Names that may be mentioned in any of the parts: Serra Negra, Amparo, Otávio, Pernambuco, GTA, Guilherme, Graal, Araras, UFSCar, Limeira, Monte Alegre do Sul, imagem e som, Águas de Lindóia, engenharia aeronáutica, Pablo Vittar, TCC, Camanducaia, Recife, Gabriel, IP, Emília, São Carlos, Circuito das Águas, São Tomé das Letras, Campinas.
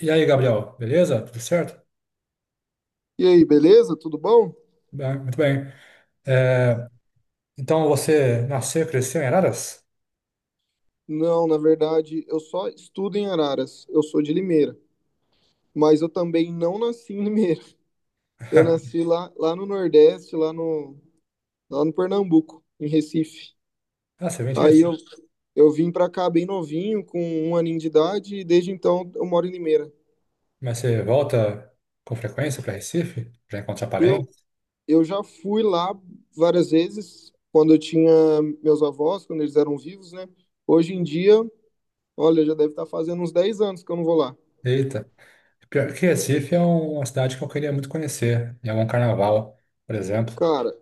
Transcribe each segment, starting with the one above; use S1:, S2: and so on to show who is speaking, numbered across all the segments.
S1: E aí, Gabriel, beleza? Tudo certo?
S2: E aí, beleza? Tudo bom?
S1: Bem, muito bem. É, então você nasceu e cresceu em Araras?
S2: Não, na verdade, eu só estudo em Araras. Eu sou de Limeira, mas eu também não nasci em Limeira. Eu nasci lá no Nordeste, lá no Pernambuco, em Recife.
S1: Ah, você vem de
S2: Aí eu,
S1: Recife.
S2: eu vim pra cá bem novinho, com um aninho de idade, e desde então eu moro em Limeira.
S1: Mas você volta com frequência para Recife? Para encontrar
S2: Eu,
S1: parentes?
S2: eu já fui lá várias vezes, quando eu tinha meus avós, quando eles eram vivos, né? Hoje em dia, olha, já deve estar fazendo uns 10 anos que eu não vou lá.
S1: Eita. Pior que Recife é uma cidade que eu queria muito conhecer, em algum carnaval, por exemplo.
S2: Cara,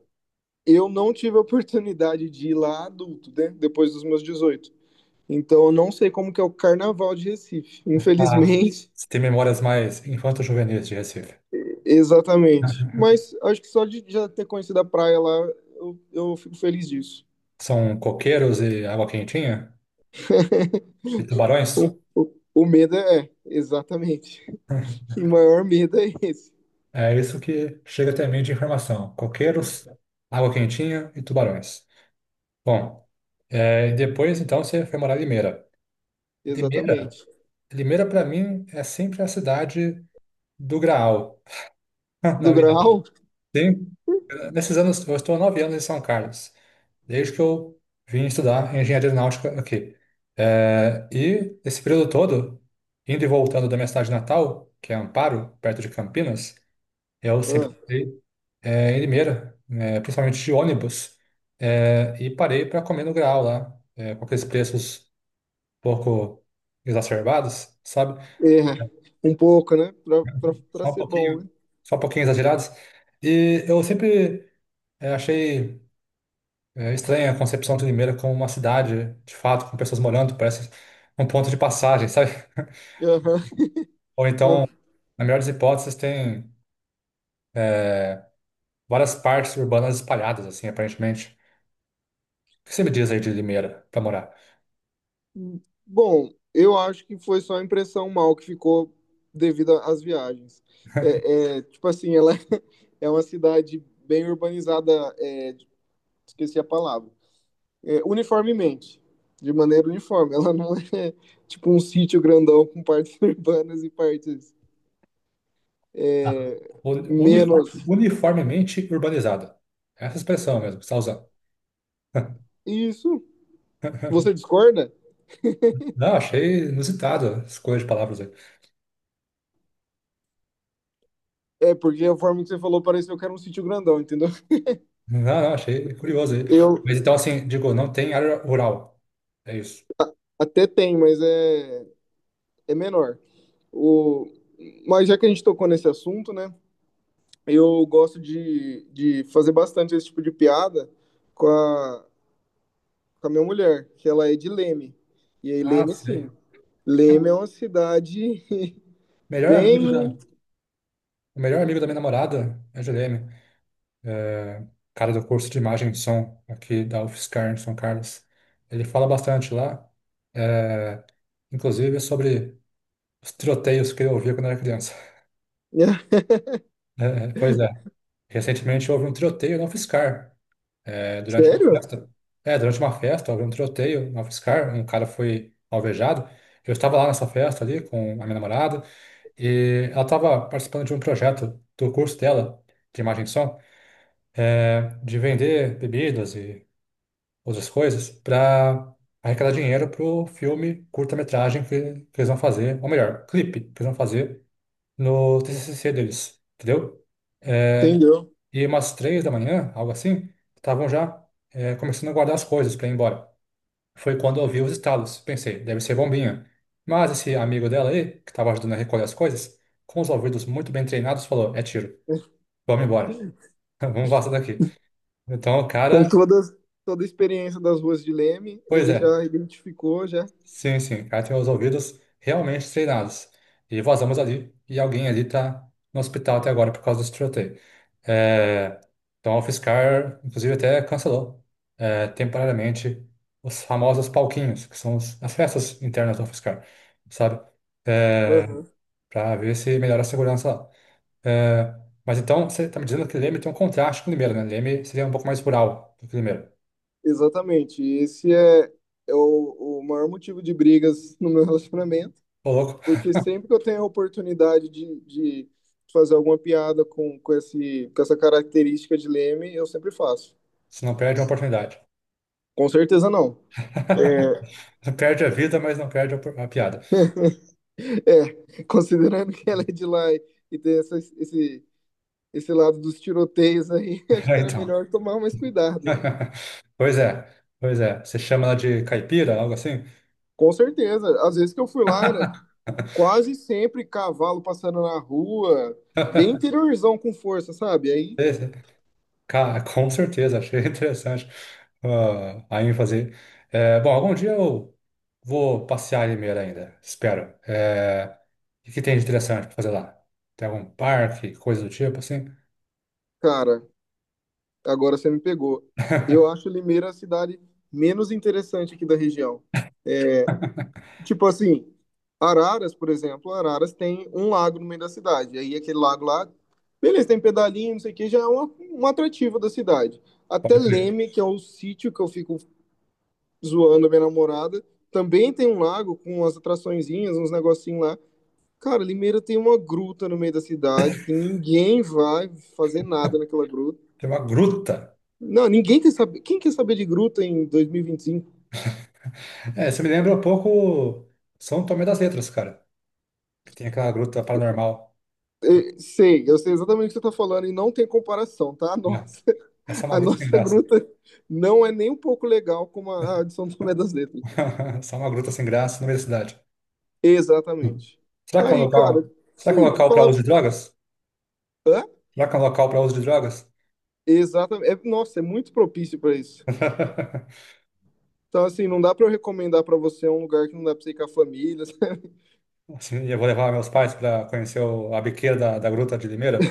S2: eu não tive a oportunidade de ir lá adulto, né? Depois dos meus 18. Então eu não sei como que é o carnaval de Recife,
S1: Ah,
S2: infelizmente.
S1: você tem memórias mais infanto-juvenis de Recife?
S2: Exatamente. Mas acho que só de já ter conhecido a praia lá, eu fico feliz disso.
S1: São coqueiros e água quentinha? E tubarões?
S2: O medo é, exatamente. O maior medo é esse,
S1: É isso que chega até mim de informação. Coqueiros, água quentinha e tubarões. Bom, depois então você foi morar em Limeira. Limeira,
S2: exatamente.
S1: Limeira para mim é sempre a cidade do Graal, na
S2: Do
S1: verdade.
S2: grau?
S1: Sim, nesses anos, eu estou há 9 anos em São Carlos, desde que eu vim estudar engenharia aeronáutica aqui. É, e esse período todo, indo e voltando da minha cidade natal, que é Amparo, perto de Campinas, eu sempre
S2: Ah,
S1: em Limeira, né, principalmente de ônibus, e parei para comer no Graal lá, com aqueles preços um pouco exacerbados, sabe?
S2: é, um pouco, né? Pra
S1: Só um
S2: ser bom,
S1: pouquinho,
S2: né?
S1: só um pouquinho exagerados. E eu sempre achei estranha a concepção de Limeira como uma cidade, de fato, com pessoas morando, parece um ponto de passagem, sabe?
S2: Uhum.
S1: Ou
S2: Uma,
S1: então, na melhor das hipóteses, tem várias partes urbanas espalhadas, assim, aparentemente. O que você me diz aí de Limeira para morar?
S2: Bom, eu acho que foi só a impressão mal que ficou devido às viagens. É, tipo assim, ela é uma cidade bem urbanizada, é, esqueci a palavra, é, uniformemente, de maneira uniforme. Ela não é tipo um sítio grandão com partes urbanas e partes é, menos.
S1: Uniformemente urbanizada. Essa expressão mesmo, que você está usando.
S2: Isso, você discorda?
S1: Não, achei inusitado a escolha de palavras aí.
S2: É porque a forma que você falou pareceu que era um sítio grandão, entendeu?
S1: Não, não, achei curioso aí. Mas
S2: Eu
S1: então, assim, digo, não tem área rural. É isso.
S2: até tenho, mas é menor. O, mas já que a gente tocou nesse assunto, né? Eu gosto de fazer bastante esse tipo de piada com a, com a minha mulher, que ela é de Leme. E aí,
S1: Ah,
S2: Leme,
S1: sei.
S2: sim. Leme é uma cidade
S1: Melhor amigo da,
S2: bem.
S1: o melhor amigo da minha namorada é o Guilherme, é, cara do curso de imagem e som aqui da UFSCar em São Carlos. Ele fala bastante lá, é, inclusive sobre os tiroteios que eu ouvia quando era criança. É, pois é. Recentemente houve um tiroteio na UFSCar, durante uma
S2: Sério?
S1: festa. É, durante uma festa houve um tiroteio na UFSCar, um cara foi alvejado. Eu estava lá nessa festa ali com a minha namorada e ela estava participando de um projeto do curso dela, de imagem e som, de vender bebidas e outras coisas para arrecadar dinheiro para o filme curta-metragem que eles vão fazer, ou melhor, clipe que eles vão fazer no TCC deles, entendeu? É,
S2: Entendeu?
S1: e umas 3 da manhã, algo assim, estavam já começando a guardar as coisas para ir embora. Foi quando eu ouvi os estalos. Pensei, deve ser bombinha. Mas esse amigo dela aí, que estava ajudando a recolher as coisas, com os ouvidos muito bem treinados, falou: é tiro, vamos embora, vamos vazar daqui. Então o
S2: Com
S1: cara,
S2: todas, toda a experiência das ruas de Leme,
S1: pois
S2: ele
S1: é,
S2: já identificou já.
S1: sim, sim. Ela tem os ouvidos realmente treinados. E vazamos ali, e alguém ali tá no hospital até agora por causa desse tiroteio. É, então a UFSCar, inclusive, até cancelou temporariamente os famosos palquinhos, que são as festas internas da UFSCar, sabe? É,
S2: Aham,
S1: para ver se melhora a segurança lá. É, mas então, você tá me dizendo que Leme tem um contraste com Limeira, né? Leme seria um pouco mais rural do que Limeira.
S2: exatamente. E esse é o maior motivo de brigas no meu relacionamento,
S1: Ô, louco,
S2: porque sempre que eu tenho a oportunidade de fazer alguma piada com essa característica de Leme, eu sempre faço.
S1: você não perde uma oportunidade.
S2: Com certeza não.
S1: Perde a vida, mas não perde a piada.
S2: É, considerando que ela é de lá e tem esse lado dos tiroteios aí, acho
S1: É,
S2: que era
S1: então.
S2: melhor tomar mais cuidado.
S1: Pois é, pois é. Você chama ela de caipira, algo assim?
S2: Com certeza. Às vezes que eu fui lá, era quase sempre cavalo passando na rua, bem interiorzão com força, sabe? Aí,
S1: Esse- Cara, com certeza, achei interessante, ah, a ênfase. É, bom, algum dia eu vou passear em Limeira ainda, espero. É, o que tem de interessante para fazer lá? Tem algum parque, coisa do tipo assim?
S2: cara, agora você me pegou. Eu acho Limeira a cidade menos interessante aqui da região. Tipo assim, Araras, por exemplo, Araras tem um lago no meio da cidade. Aí aquele lago lá, beleza, tem pedalinho, não sei o que, já é um atrativo da cidade. Até
S1: Pode crer.
S2: Leme, que é o sítio que eu fico zoando a minha namorada, também tem um lago com umas atraçõezinhas, uns negocinhos lá. Cara, Limeira tem uma gruta no meio da cidade que ninguém vai fazer nada naquela gruta.
S1: Tem uma gruta.
S2: Não, ninguém quer saber. Quem quer saber de gruta em 2025?
S1: É, isso me lembra um pouco São Tomé das Letras, cara, que tem aquela gruta paranormal.
S2: Eu sei exatamente o que você tá falando e não tem comparação, tá?
S1: Ah,
S2: Nossa.
S1: é só uma
S2: A
S1: gruta sem
S2: nossa
S1: graça.
S2: gruta não é nem um pouco legal como a de São Tomé das Letras.
S1: Só uma gruta sem graça no meio da cidade. Hum.
S2: Exatamente.
S1: Será que é um
S2: Aí,
S1: local?
S2: cara,
S1: Será que é um
S2: sim,
S1: local para
S2: fala.
S1: uso de drogas?
S2: Hã?
S1: Será que é um local para uso de drogas?
S2: Exatamente. Nossa, é muito propício para isso. Então, assim, não dá para eu recomendar para você um lugar que não dá para você ir com a família.
S1: Assim, eu vou levar meus pais para conhecer a biqueira da gruta de Limeira.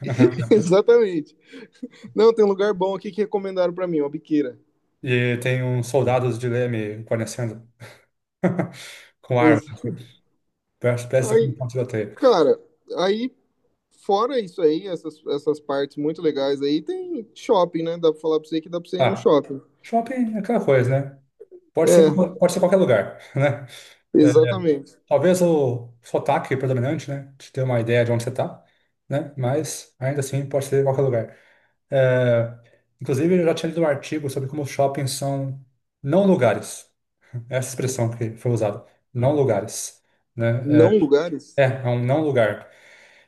S2: Exatamente. Não, tem um lugar bom aqui que recomendaram para mim, uma biqueira.
S1: E tem uns soldados de leme guarnecendo com arma.
S2: Exa-
S1: Parece que tá
S2: Aí,
S1: com um tiroteio.
S2: cara, aí fora isso aí, essas partes muito legais aí, tem shopping, né? Dá pra falar pra você que dá pra você ir no
S1: Ah,
S2: shopping.
S1: shopping é aquela coisa, né? Pode ser,
S2: É,
S1: pode ser qualquer lugar, né? É,
S2: exatamente.
S1: talvez o sotaque predominante, né, te dê uma ideia de onde você está, né? Mas ainda assim pode ser qualquer lugar. É, inclusive, eu já tinha lido um artigo sobre como os shoppings são não lugares, né, essa expressão que foi usada, não lugares, né?
S2: Não lugares?
S1: É um não lugar.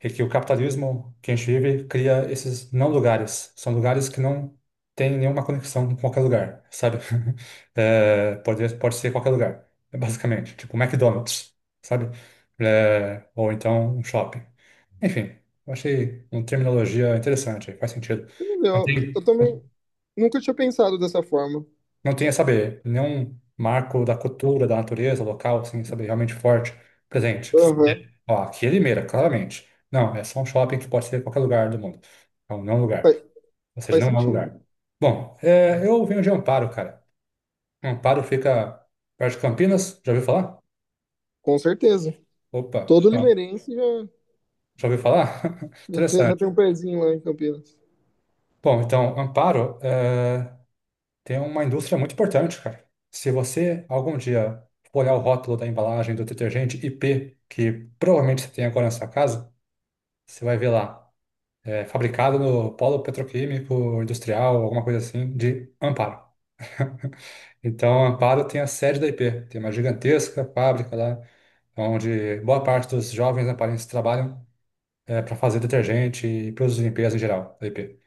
S1: É que o capitalismo que a gente vive cria esses não lugares. São lugares que não têm nenhuma conexão com qualquer lugar, sabe? É, pode ser qualquer lugar, basicamente. Tipo McDonald's, sabe? É, ou então um shopping. Enfim, eu achei uma terminologia interessante, faz sentido. Não
S2: Entendeu? Eu
S1: tem.
S2: também nunca tinha pensado dessa forma.
S1: Não tinha, sabe, nenhum marco da cultura, da natureza, local, assim, sabe, realmente forte, presente. Sabe?
S2: Aham.
S1: Ó, aqui é Limeira, claramente. Não, é só um shopping que pode ser em qualquer lugar do mundo. Então, não é um
S2: Faz,
S1: lugar. Ou seja,
S2: faz
S1: não é um
S2: sentido.
S1: lugar. Bom, é, eu venho de Amparo, cara. Amparo fica perto de Campinas. Já ouviu falar?
S2: Com certeza.
S1: Opa,
S2: Todo
S1: bom,
S2: limeirense já,
S1: já ouviu falar?
S2: já tem, já
S1: Interessante.
S2: tem um pezinho lá em Campinas.
S1: Bom, então, Amparo, é, tem uma indústria muito importante, cara. Se você algum dia for olhar o rótulo da embalagem do detergente IP, que provavelmente você tem agora na sua casa, você vai ver lá, fabricado no polo petroquímico, industrial, alguma coisa assim, de Amparo. Então, Amparo tem a sede da IP, tem uma gigantesca fábrica lá, onde boa parte dos jovens amparenses trabalham, para fazer detergente e produtos de limpeza em geral da IP.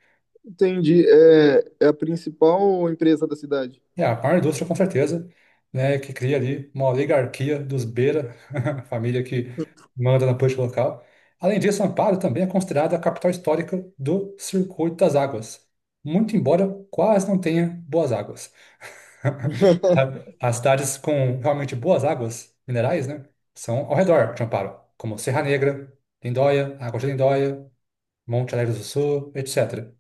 S2: Entendi. É, a principal empresa da cidade.
S1: É, a maior indústria, com certeza, né, que cria ali uma oligarquia dos Beira, a família que manda na política local. Além disso, Amparo também é considerada a capital histórica do Circuito das Águas, muito embora quase não tenha boas águas. As cidades com realmente boas águas minerais, né, são ao redor de Amparo, como Serra Negra, Lindóia, Águas de Lindóia, Monte Alegre do Sul, etc.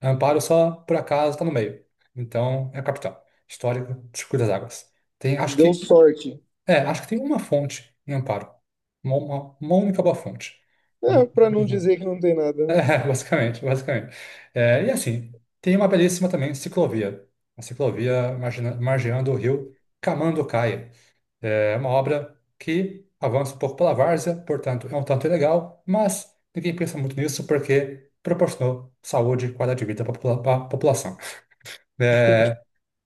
S1: Amparo só, por acaso, está no meio. Então, é a capital histórica, Circuito das Águas. Tem, acho
S2: Deu
S1: que,
S2: sorte.
S1: acho que tem uma fonte em Amparo. Uma única boa fonte. Não-
S2: É, pra não dizer que não tem nada, né?
S1: é, basicamente, basicamente. É, e assim, tem uma belíssima também ciclovia. Uma ciclovia margeando o rio Camanducaia. É uma obra que avança um pouco pela várzea, portanto, é um tanto ilegal, mas ninguém pensa muito nisso porque proporcionou saúde e qualidade de vida para a população. É,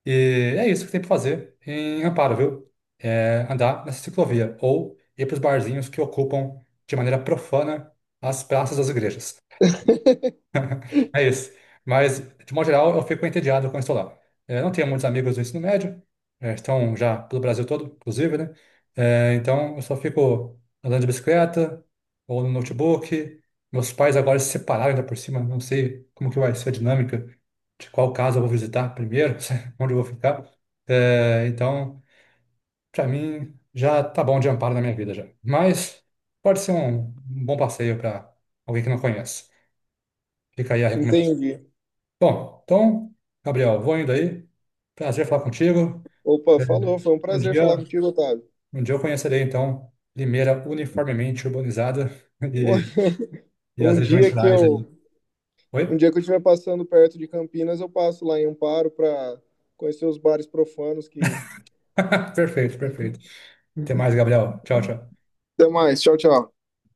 S1: e é isso que tem para fazer em Amparo, viu? É andar nessa ciclovia ou ir para os barzinhos que ocupam de maneira profana as praças das igrejas. É isso. Mas, de modo geral, eu fico entediado quando estou lá. É, não tenho muitos amigos do ensino médio, é, estão já pelo Brasil todo, inclusive, né? É, então, eu só fico andando de bicicleta ou no notebook. Meus pais agora se separaram ainda por cima, não sei como que vai ser a dinâmica, de qual casa eu vou visitar primeiro, onde eu vou ficar. É, então, para mim, já tá bom de amparo na minha vida já. Mas pode ser um bom passeio para alguém que não conhece. Fica aí a recomendação.
S2: Entendi.
S1: Bom, então, Gabriel, vou indo aí. Prazer falar contigo.
S2: Opa,
S1: É,
S2: falou. Foi um
S1: um
S2: prazer falar
S1: dia,
S2: contigo, Otávio.
S1: um dia eu conhecerei, então, Limeira uniformemente urbanizada e, e as
S2: Um
S1: regiões
S2: dia que
S1: rurais
S2: eu
S1: ali.
S2: Um
S1: Oi?
S2: dia que eu estiver passando perto de Campinas, eu passo lá em Amparo para conhecer os bares profanos que.
S1: Perfeito, perfeito. Até mais, Gabriel. Tchau, tchau.
S2: Até mais. Tchau, tchau.